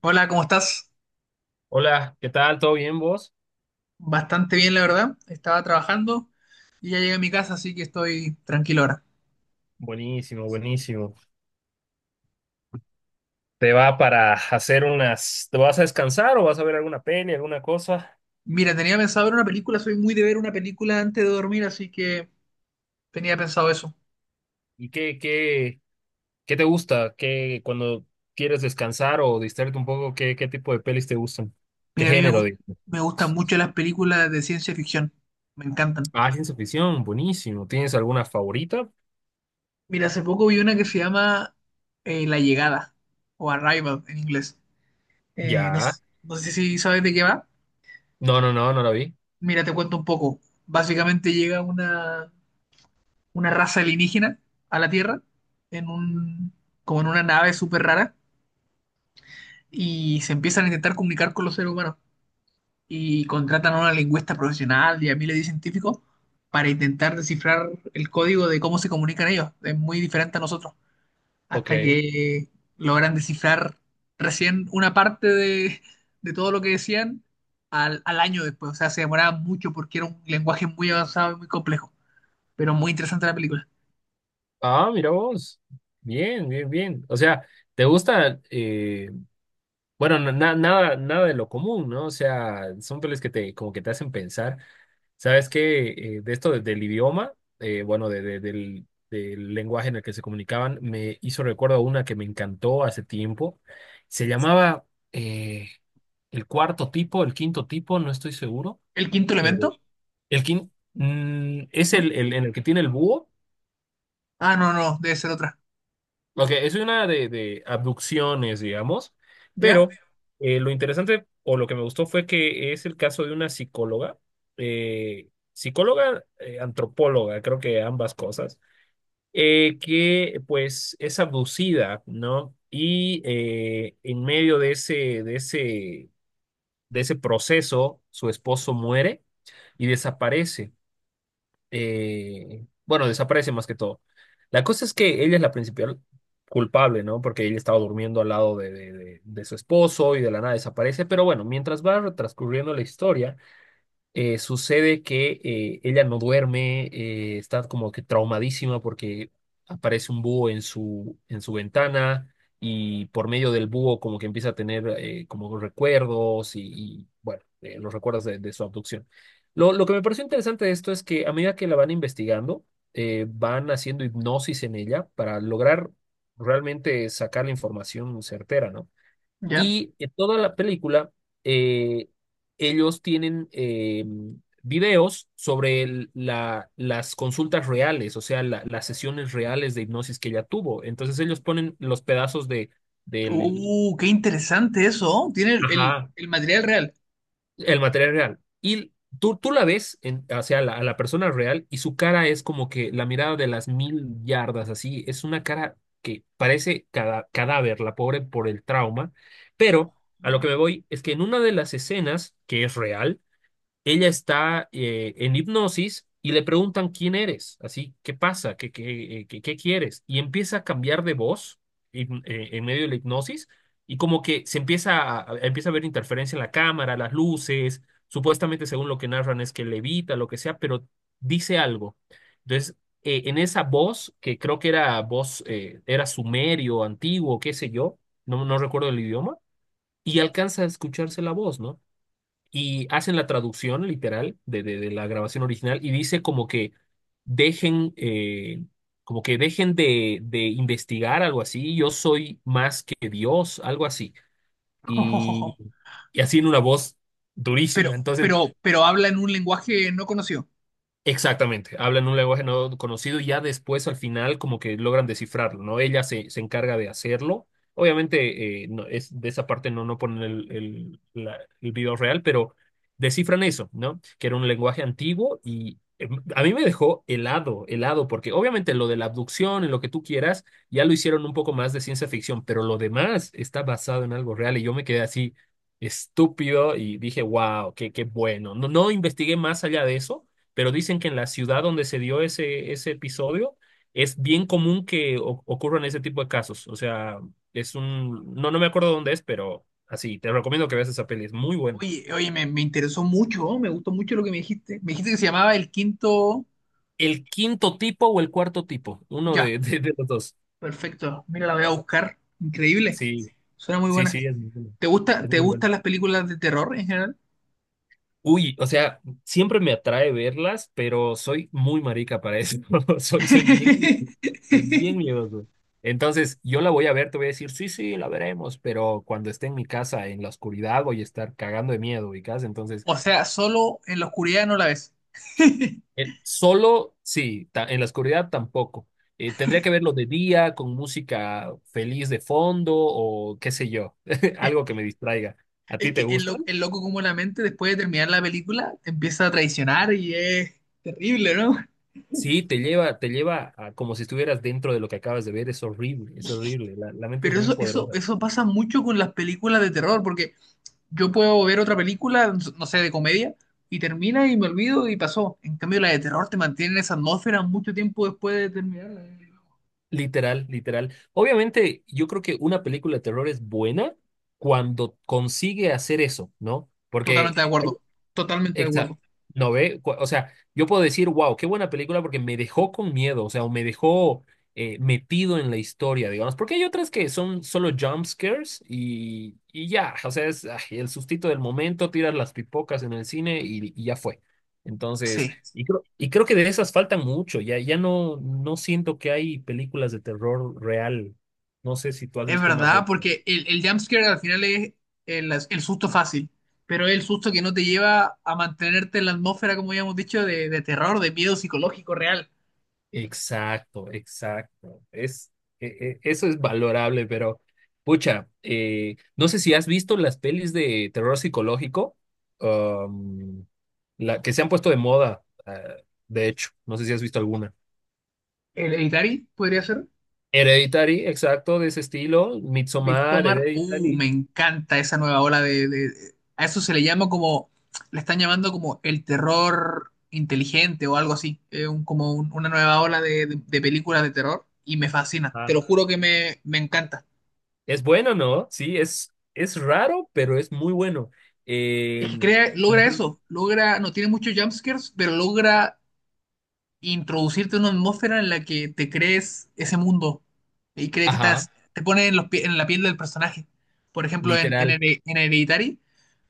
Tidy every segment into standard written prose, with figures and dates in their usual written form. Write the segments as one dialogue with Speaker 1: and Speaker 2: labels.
Speaker 1: Hola, ¿cómo estás?
Speaker 2: Hola, ¿qué tal? ¿Todo bien vos?
Speaker 1: Bastante bien, la verdad. Estaba trabajando y ya llegué a mi casa, así que estoy tranquilo ahora.
Speaker 2: Buenísimo, buenísimo. ¿Te va para hacer unas, te vas a descansar o vas a ver alguna peli, alguna cosa?
Speaker 1: Mira, tenía pensado ver una película, soy muy de ver una película antes de dormir, así que tenía pensado eso.
Speaker 2: ¿Y qué te gusta? ¿Qué, cuando quieres descansar o distraerte un poco, qué tipo de pelis te gustan? ¿Qué
Speaker 1: Mira, a mí me
Speaker 2: género,
Speaker 1: gust-
Speaker 2: digo?
Speaker 1: me gustan mucho las películas de ciencia ficción, me encantan.
Speaker 2: Ah, ciencia ficción, buenísimo. ¿Tienes alguna favorita?
Speaker 1: Mira, hace poco vi una que se llama La Llegada, o Arrival en inglés. No,
Speaker 2: Ya.
Speaker 1: no sé si sabes de qué va.
Speaker 2: No, no, no, no la vi.
Speaker 1: Mira, te cuento un poco. Básicamente llega una raza alienígena a la Tierra, en un, como en una nave súper rara, y se empiezan a intentar comunicar con los seres humanos. Y contratan a una lingüista profesional y a miles de científicos para intentar descifrar el código de cómo se comunican ellos. Es muy diferente a nosotros.
Speaker 2: Ok.
Speaker 1: Hasta que logran descifrar recién una parte de todo lo que decían al año después. O sea, se demoraba mucho porque era un lenguaje muy avanzado y muy complejo. Pero muy interesante la película.
Speaker 2: Ah, mira vos. Bien, bien, bien. O sea, ¿te gusta? Bueno, nada de lo común, ¿no? O sea, son pelis que te, como que te hacen pensar. ¿Sabes qué? De esto del idioma, bueno, del, del lenguaje en el que se comunicaban, me hizo recuerdo a una que me encantó hace tiempo. Se llamaba eh, El Cuarto Tipo, El Quinto Tipo, no estoy seguro.
Speaker 1: El quinto
Speaker 2: Eh,
Speaker 1: elemento.
Speaker 2: es
Speaker 1: ¿No?
Speaker 2: el en el que tiene el búho.
Speaker 1: Ah, no, no, debe ser otra.
Speaker 2: Ok, es una de abducciones, digamos,
Speaker 1: ¿Ya?
Speaker 2: pero lo interesante o lo que me gustó fue que es el caso de una psicóloga, psicóloga, antropóloga, creo que ambas cosas, que pues es abducida, ¿no? Y en medio de ese, de ese, de ese proceso, su esposo muere y desaparece bueno, desaparece más que todo. La cosa es que ella es la principal culpable, ¿no? Porque ella estaba durmiendo al lado de su esposo y de la nada desaparece. Pero bueno, mientras va transcurriendo la historia, sucede que ella no duerme, está como que traumadísima porque aparece un búho en su ventana y por medio del búho como que empieza a tener como recuerdos y, bueno, los recuerdos de su abducción. Lo que me pareció interesante de esto es que a medida que la van investigando, van haciendo hipnosis en ella para lograr realmente sacar la información certera, ¿no?
Speaker 1: ¿Ya?
Speaker 2: Y en toda la película, eh, ellos tienen videos sobre las consultas reales, o sea, las sesiones reales de hipnosis que ella tuvo. Entonces ellos ponen los pedazos del
Speaker 1: Qué interesante eso, ¿oh? Tiene
Speaker 2: ajá.
Speaker 1: el material real.
Speaker 2: El material real. Y tú la ves en, hacia la, a la persona real y su cara es como que la mirada de las mil yardas, así. Es una cara que parece cadáver, la pobre por el trauma. Pero a lo que me voy es que en una de las escenas, que es real, ella está en hipnosis y le preguntan quién eres, así, ¿qué pasa? ¿Qué, qué quieres? Y empieza a cambiar de voz en medio de la hipnosis y como que se empieza a empieza a ver interferencia en la cámara, las luces, supuestamente según lo que narran es que levita, lo que sea, pero dice algo. Entonces, en esa voz, que creo que era voz, era sumerio, antiguo, qué sé yo, no, no recuerdo el idioma, y alcanza a escucharse la voz, ¿no? Y hacen la traducción literal de la grabación original y dice dejen, eh, como que dejen de investigar algo así, yo soy más que Dios, algo así.
Speaker 1: Oh, oh, oh, oh.
Speaker 2: Y, y así en una voz
Speaker 1: Pero,
Speaker 2: durísima. Entonces,
Speaker 1: pero habla en un lenguaje no conocido.
Speaker 2: exactamente, hablan un lenguaje no conocido y ya después al final como que logran descifrarlo, ¿no? Ella se, se encarga de hacerlo. Obviamente no, es, de esa parte no, no ponen el video real, pero descifran eso, ¿no? Que era un lenguaje antiguo y a mí me dejó helado, helado, porque obviamente lo de la abducción y lo que tú quieras ya lo hicieron un poco más de ciencia ficción, pero lo demás está basado en algo real y yo me quedé así estúpido y dije, wow, qué, qué bueno. No, no investigué más allá de eso pero dicen que en la ciudad donde se dio ese, ese episodio es bien común que ocurran ese tipo de casos. O sea, es un, no, no me acuerdo dónde es, pero así, te recomiendo que veas esa peli, es muy buena.
Speaker 1: Oye, oye, me interesó mucho, ¿oh? Me gustó mucho lo que me dijiste. Me dijiste que se llamaba El Quinto...
Speaker 2: ¿El quinto tipo o el cuarto tipo? Uno
Speaker 1: Ya,
Speaker 2: de, de los dos.
Speaker 1: perfecto. Mira, la voy a buscar. Increíble.
Speaker 2: Sí,
Speaker 1: Suena muy
Speaker 2: sí,
Speaker 1: buena.
Speaker 2: sí, es muy bueno.
Speaker 1: ¿Te gusta,
Speaker 2: Es
Speaker 1: te
Speaker 2: muy bueno.
Speaker 1: gustan las películas de terror en general?
Speaker 2: Uy, o sea, siempre me atrae verlas, pero soy muy marica para eso. Soy, soy bien miedoso. Entonces, yo la voy a ver, te voy a decir, sí, sí, la veremos, pero cuando esté en mi casa, en la oscuridad, voy a estar cagando de miedo, ubicás. Entonces,
Speaker 1: O sea, solo en la oscuridad no la ves.
Speaker 2: solo, sí, en la oscuridad tampoco. Tendría que verlo de día, con música feliz de fondo o qué sé yo, algo que me distraiga. ¿A
Speaker 1: Es
Speaker 2: ti
Speaker 1: que
Speaker 2: te gusta?
Speaker 1: el loco como la mente después de terminar la película te empieza a traicionar y es terrible, ¿no?
Speaker 2: Sí, te lleva a como si estuvieras dentro de lo que acabas de ver. Es horrible, es horrible. La mente es
Speaker 1: Pero
Speaker 2: muy poderosa.
Speaker 1: eso pasa mucho con las películas de terror, porque yo puedo ver otra película, no sé, de comedia, y termina y me olvido y pasó. En cambio, la de terror te mantiene en esa atmósfera mucho tiempo después de terminarla.
Speaker 2: Literal, literal. Obviamente, yo creo que una película de terror es buena cuando consigue hacer eso, ¿no?
Speaker 1: Totalmente
Speaker 2: Porque
Speaker 1: de acuerdo, totalmente de
Speaker 2: exacto.
Speaker 1: acuerdo.
Speaker 2: No ve, o sea, yo puedo decir, wow, qué buena película porque me dejó con miedo, o sea, o me dejó metido en la historia, digamos, porque hay otras que son solo jump scares y ya, o sea, es ay, el sustito del momento, tiras las pipocas en el cine y ya fue. Entonces,
Speaker 1: Sí.
Speaker 2: y creo que de esas faltan mucho, ya, ya no, no siento que hay películas de terror real. No sé si tú has
Speaker 1: Es
Speaker 2: visto una
Speaker 1: verdad,
Speaker 2: buena.
Speaker 1: porque el jumpscare al final es el susto fácil, pero es el susto que no te lleva a mantenerte en la atmósfera, como ya hemos dicho, de terror, de miedo psicológico real.
Speaker 2: Exacto, exacto. Es, eso es valorable, pero pucha, no sé si has visto las pelis de terror psicológico, um, la, que se han puesto de moda, de hecho, no sé si has visto alguna.
Speaker 1: El Hereditary podría ser.
Speaker 2: Hereditary, exacto, de ese estilo, Midsommar,
Speaker 1: Midsommar. Me
Speaker 2: Hereditary.
Speaker 1: encanta esa nueva ola A eso se le llama como. Le están llamando como el terror inteligente o algo así. Como una nueva ola de películas de terror. Y me fascina.
Speaker 2: Ah.
Speaker 1: Te lo juro que me encanta.
Speaker 2: Es bueno, ¿no? Sí, es raro, pero es muy bueno. Eh,
Speaker 1: Es que crea,
Speaker 2: la-
Speaker 1: logra eso, logra, no tiene muchos jumpscares, pero logra introducirte en una atmósfera en la que te crees ese mundo y crees que
Speaker 2: ajá,
Speaker 1: estás, te pone en la piel del personaje. Por ejemplo,
Speaker 2: literal.
Speaker 1: En Hereditary,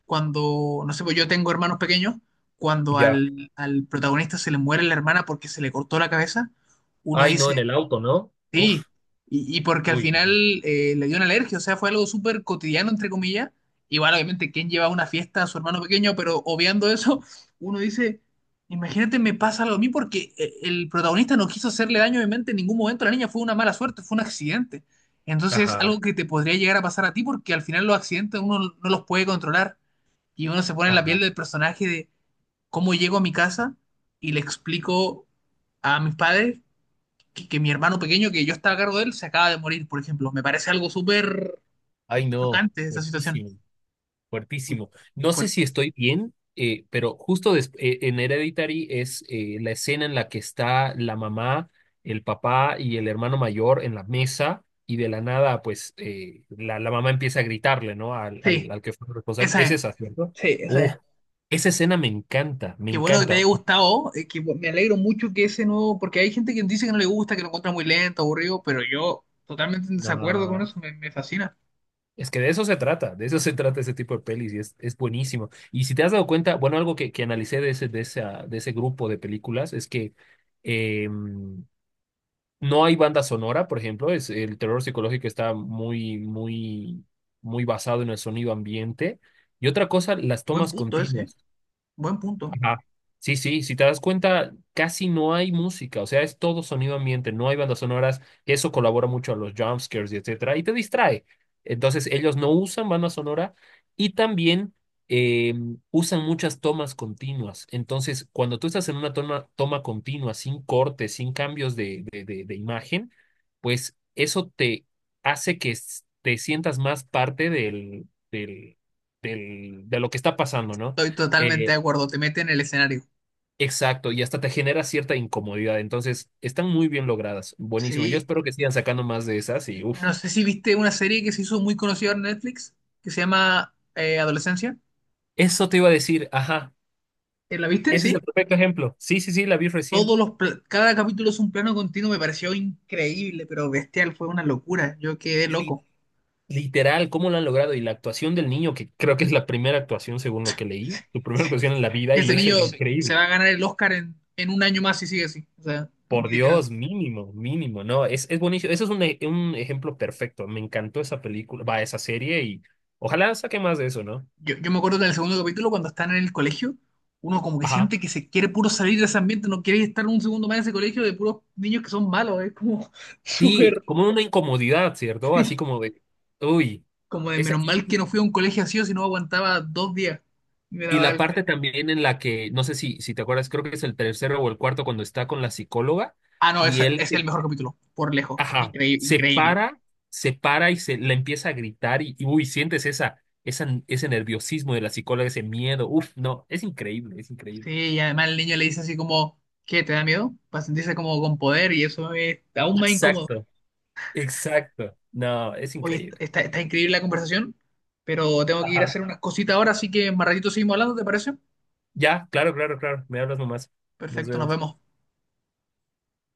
Speaker 1: cuando, no sé, pues yo tengo hermanos pequeños, cuando
Speaker 2: Ya.
Speaker 1: al protagonista se le muere la hermana porque se le cortó la cabeza, uno
Speaker 2: Ay, no, en
Speaker 1: dice,
Speaker 2: el auto, ¿no?
Speaker 1: sí,
Speaker 2: Uf,
Speaker 1: y porque al
Speaker 2: uy.
Speaker 1: final le dio una alergia, o sea, fue algo súper cotidiano, entre comillas. Igual, obviamente, ¿quién lleva a una fiesta a su hermano pequeño? Pero obviando eso, uno dice, imagínate, me pasa algo a mí porque el protagonista no quiso hacerle daño, obviamente, en ningún momento a la niña, fue una mala suerte, fue un accidente. Entonces, es algo
Speaker 2: Ajá,
Speaker 1: que te podría llegar a pasar a ti porque al final los accidentes uno no los puede controlar y uno se pone en la piel
Speaker 2: ajá.
Speaker 1: del personaje de cómo llego a mi casa y le explico a mis padres que mi hermano pequeño, que yo estaba a cargo de él, se acaba de morir, por ejemplo. Me parece algo súper
Speaker 2: Ay, no,
Speaker 1: chocante esa situación.
Speaker 2: fuertísimo, fuertísimo. No sé si
Speaker 1: Fuerte.
Speaker 2: estoy bien, pero justo en Hereditary es la escena en la que está la mamá, el papá y el hermano mayor en la mesa y de la nada, pues la mamá empieza a gritarle, ¿no?
Speaker 1: Sí,
Speaker 2: Al que fue responsable.
Speaker 1: esa
Speaker 2: Es
Speaker 1: es.
Speaker 2: esa, ¿cierto?
Speaker 1: Sí, esa
Speaker 2: Uf,
Speaker 1: es.
Speaker 2: esa escena me encanta, me
Speaker 1: Qué bueno que te haya
Speaker 2: encanta.
Speaker 1: gustado, que me alegro mucho que ese nuevo, porque hay gente que dice que no le gusta, que lo encuentra muy lento, aburrido, pero yo totalmente en desacuerdo con
Speaker 2: No.
Speaker 1: eso, me fascina.
Speaker 2: Es que de eso se trata, de eso se trata ese tipo de pelis y es buenísimo. Y si te has dado cuenta, bueno, algo que analicé de ese, de ese grupo de películas es que eh, no hay banda sonora, por ejemplo, es, el terror psicológico está muy, muy, muy basado en el sonido ambiente. Y otra cosa, las
Speaker 1: Buen
Speaker 2: tomas
Speaker 1: punto ese, eh.
Speaker 2: continuas.
Speaker 1: Buen punto.
Speaker 2: Ajá. Sí, sí, si te das cuenta, casi no hay música, o sea, es todo sonido ambiente, no hay bandas sonoras, y eso colabora mucho a los jumpscares y etcétera, y te distrae. Entonces, ellos no usan banda sonora y también eh, usan muchas tomas continuas. Entonces, cuando tú estás en una toma continua, sin cortes, sin cambios de imagen, pues eso te hace que te sientas más parte del, de lo que está pasando, ¿no?
Speaker 1: Estoy totalmente
Speaker 2: Eh,
Speaker 1: de acuerdo, te mete en el escenario.
Speaker 2: Exacto, y hasta te genera cierta incomodidad. Entonces, están muy bien logradas. Buenísimo. Yo
Speaker 1: Sí,
Speaker 2: espero que sigan sacando más de esas y uff.
Speaker 1: no sé si viste una serie que se hizo muy conocida en Netflix, que se llama Adolescencia.
Speaker 2: Eso te iba a decir, ajá.
Speaker 1: ¿La viste?
Speaker 2: Ese es
Speaker 1: Sí.
Speaker 2: el perfecto ejemplo. Sí, sí, sí, la vi recién.
Speaker 1: todos los pla- cada capítulo es un plano continuo, me pareció increíble, pero bestial, fue una locura. Yo quedé
Speaker 2: Li-
Speaker 1: loco.
Speaker 2: literal, cómo lo han logrado. Y la actuación del niño, que creo que es la primera actuación según lo que leí, su primera actuación en la vida y lo
Speaker 1: Ese
Speaker 2: hizo
Speaker 1: niño que se
Speaker 2: increíble.
Speaker 1: va a ganar el Oscar en un año más si sigue así. O sea,
Speaker 2: Por
Speaker 1: literal.
Speaker 2: Dios, mínimo, mínimo. No, es buenísimo. Eso es un, un ejemplo perfecto. Me encantó esa película, va, esa serie y ojalá saque más de eso, ¿no?
Speaker 1: Yo me acuerdo del segundo capítulo cuando están en el colegio, uno como que
Speaker 2: Ajá.
Speaker 1: siente que se quiere puro salir de ese ambiente, no quiere estar un segundo más en ese colegio de puros niños que son malos, es como
Speaker 2: Sí,
Speaker 1: súper
Speaker 2: como una incomodidad, ¿cierto? Así como de, uy,
Speaker 1: como de
Speaker 2: esa,
Speaker 1: menos mal que no fui a un colegio así o si no aguantaba dos días y me
Speaker 2: y
Speaker 1: daba
Speaker 2: la
Speaker 1: algo.
Speaker 2: parte también en la que, no sé si, si te acuerdas, creo que es el tercero o el cuarto cuando está con la psicóloga
Speaker 1: Ah, no,
Speaker 2: y
Speaker 1: ese
Speaker 2: él,
Speaker 1: es el mejor capítulo, por lejos.
Speaker 2: ajá,
Speaker 1: Increíble,
Speaker 2: se
Speaker 1: increíble.
Speaker 2: para, se para y se le empieza a gritar y, uy, sientes esa, esa, ese nerviosismo de la psicóloga, ese miedo, uf, no, es increíble, es
Speaker 1: Sí,
Speaker 2: increíble.
Speaker 1: y además el niño le dice así como, ¿qué? ¿Te da miedo? Para sentirse como con poder y eso es aún más incómodo.
Speaker 2: Exacto, exacto, no, es
Speaker 1: Oye,
Speaker 2: increíble.
Speaker 1: está increíble la conversación, pero tengo que ir a
Speaker 2: Ajá.
Speaker 1: hacer unas cositas ahora, así que más ratito seguimos hablando, ¿te parece?
Speaker 2: Ya, claro, claro, claro, me hablas nomás, nos
Speaker 1: Perfecto, nos
Speaker 2: vemos.
Speaker 1: vemos.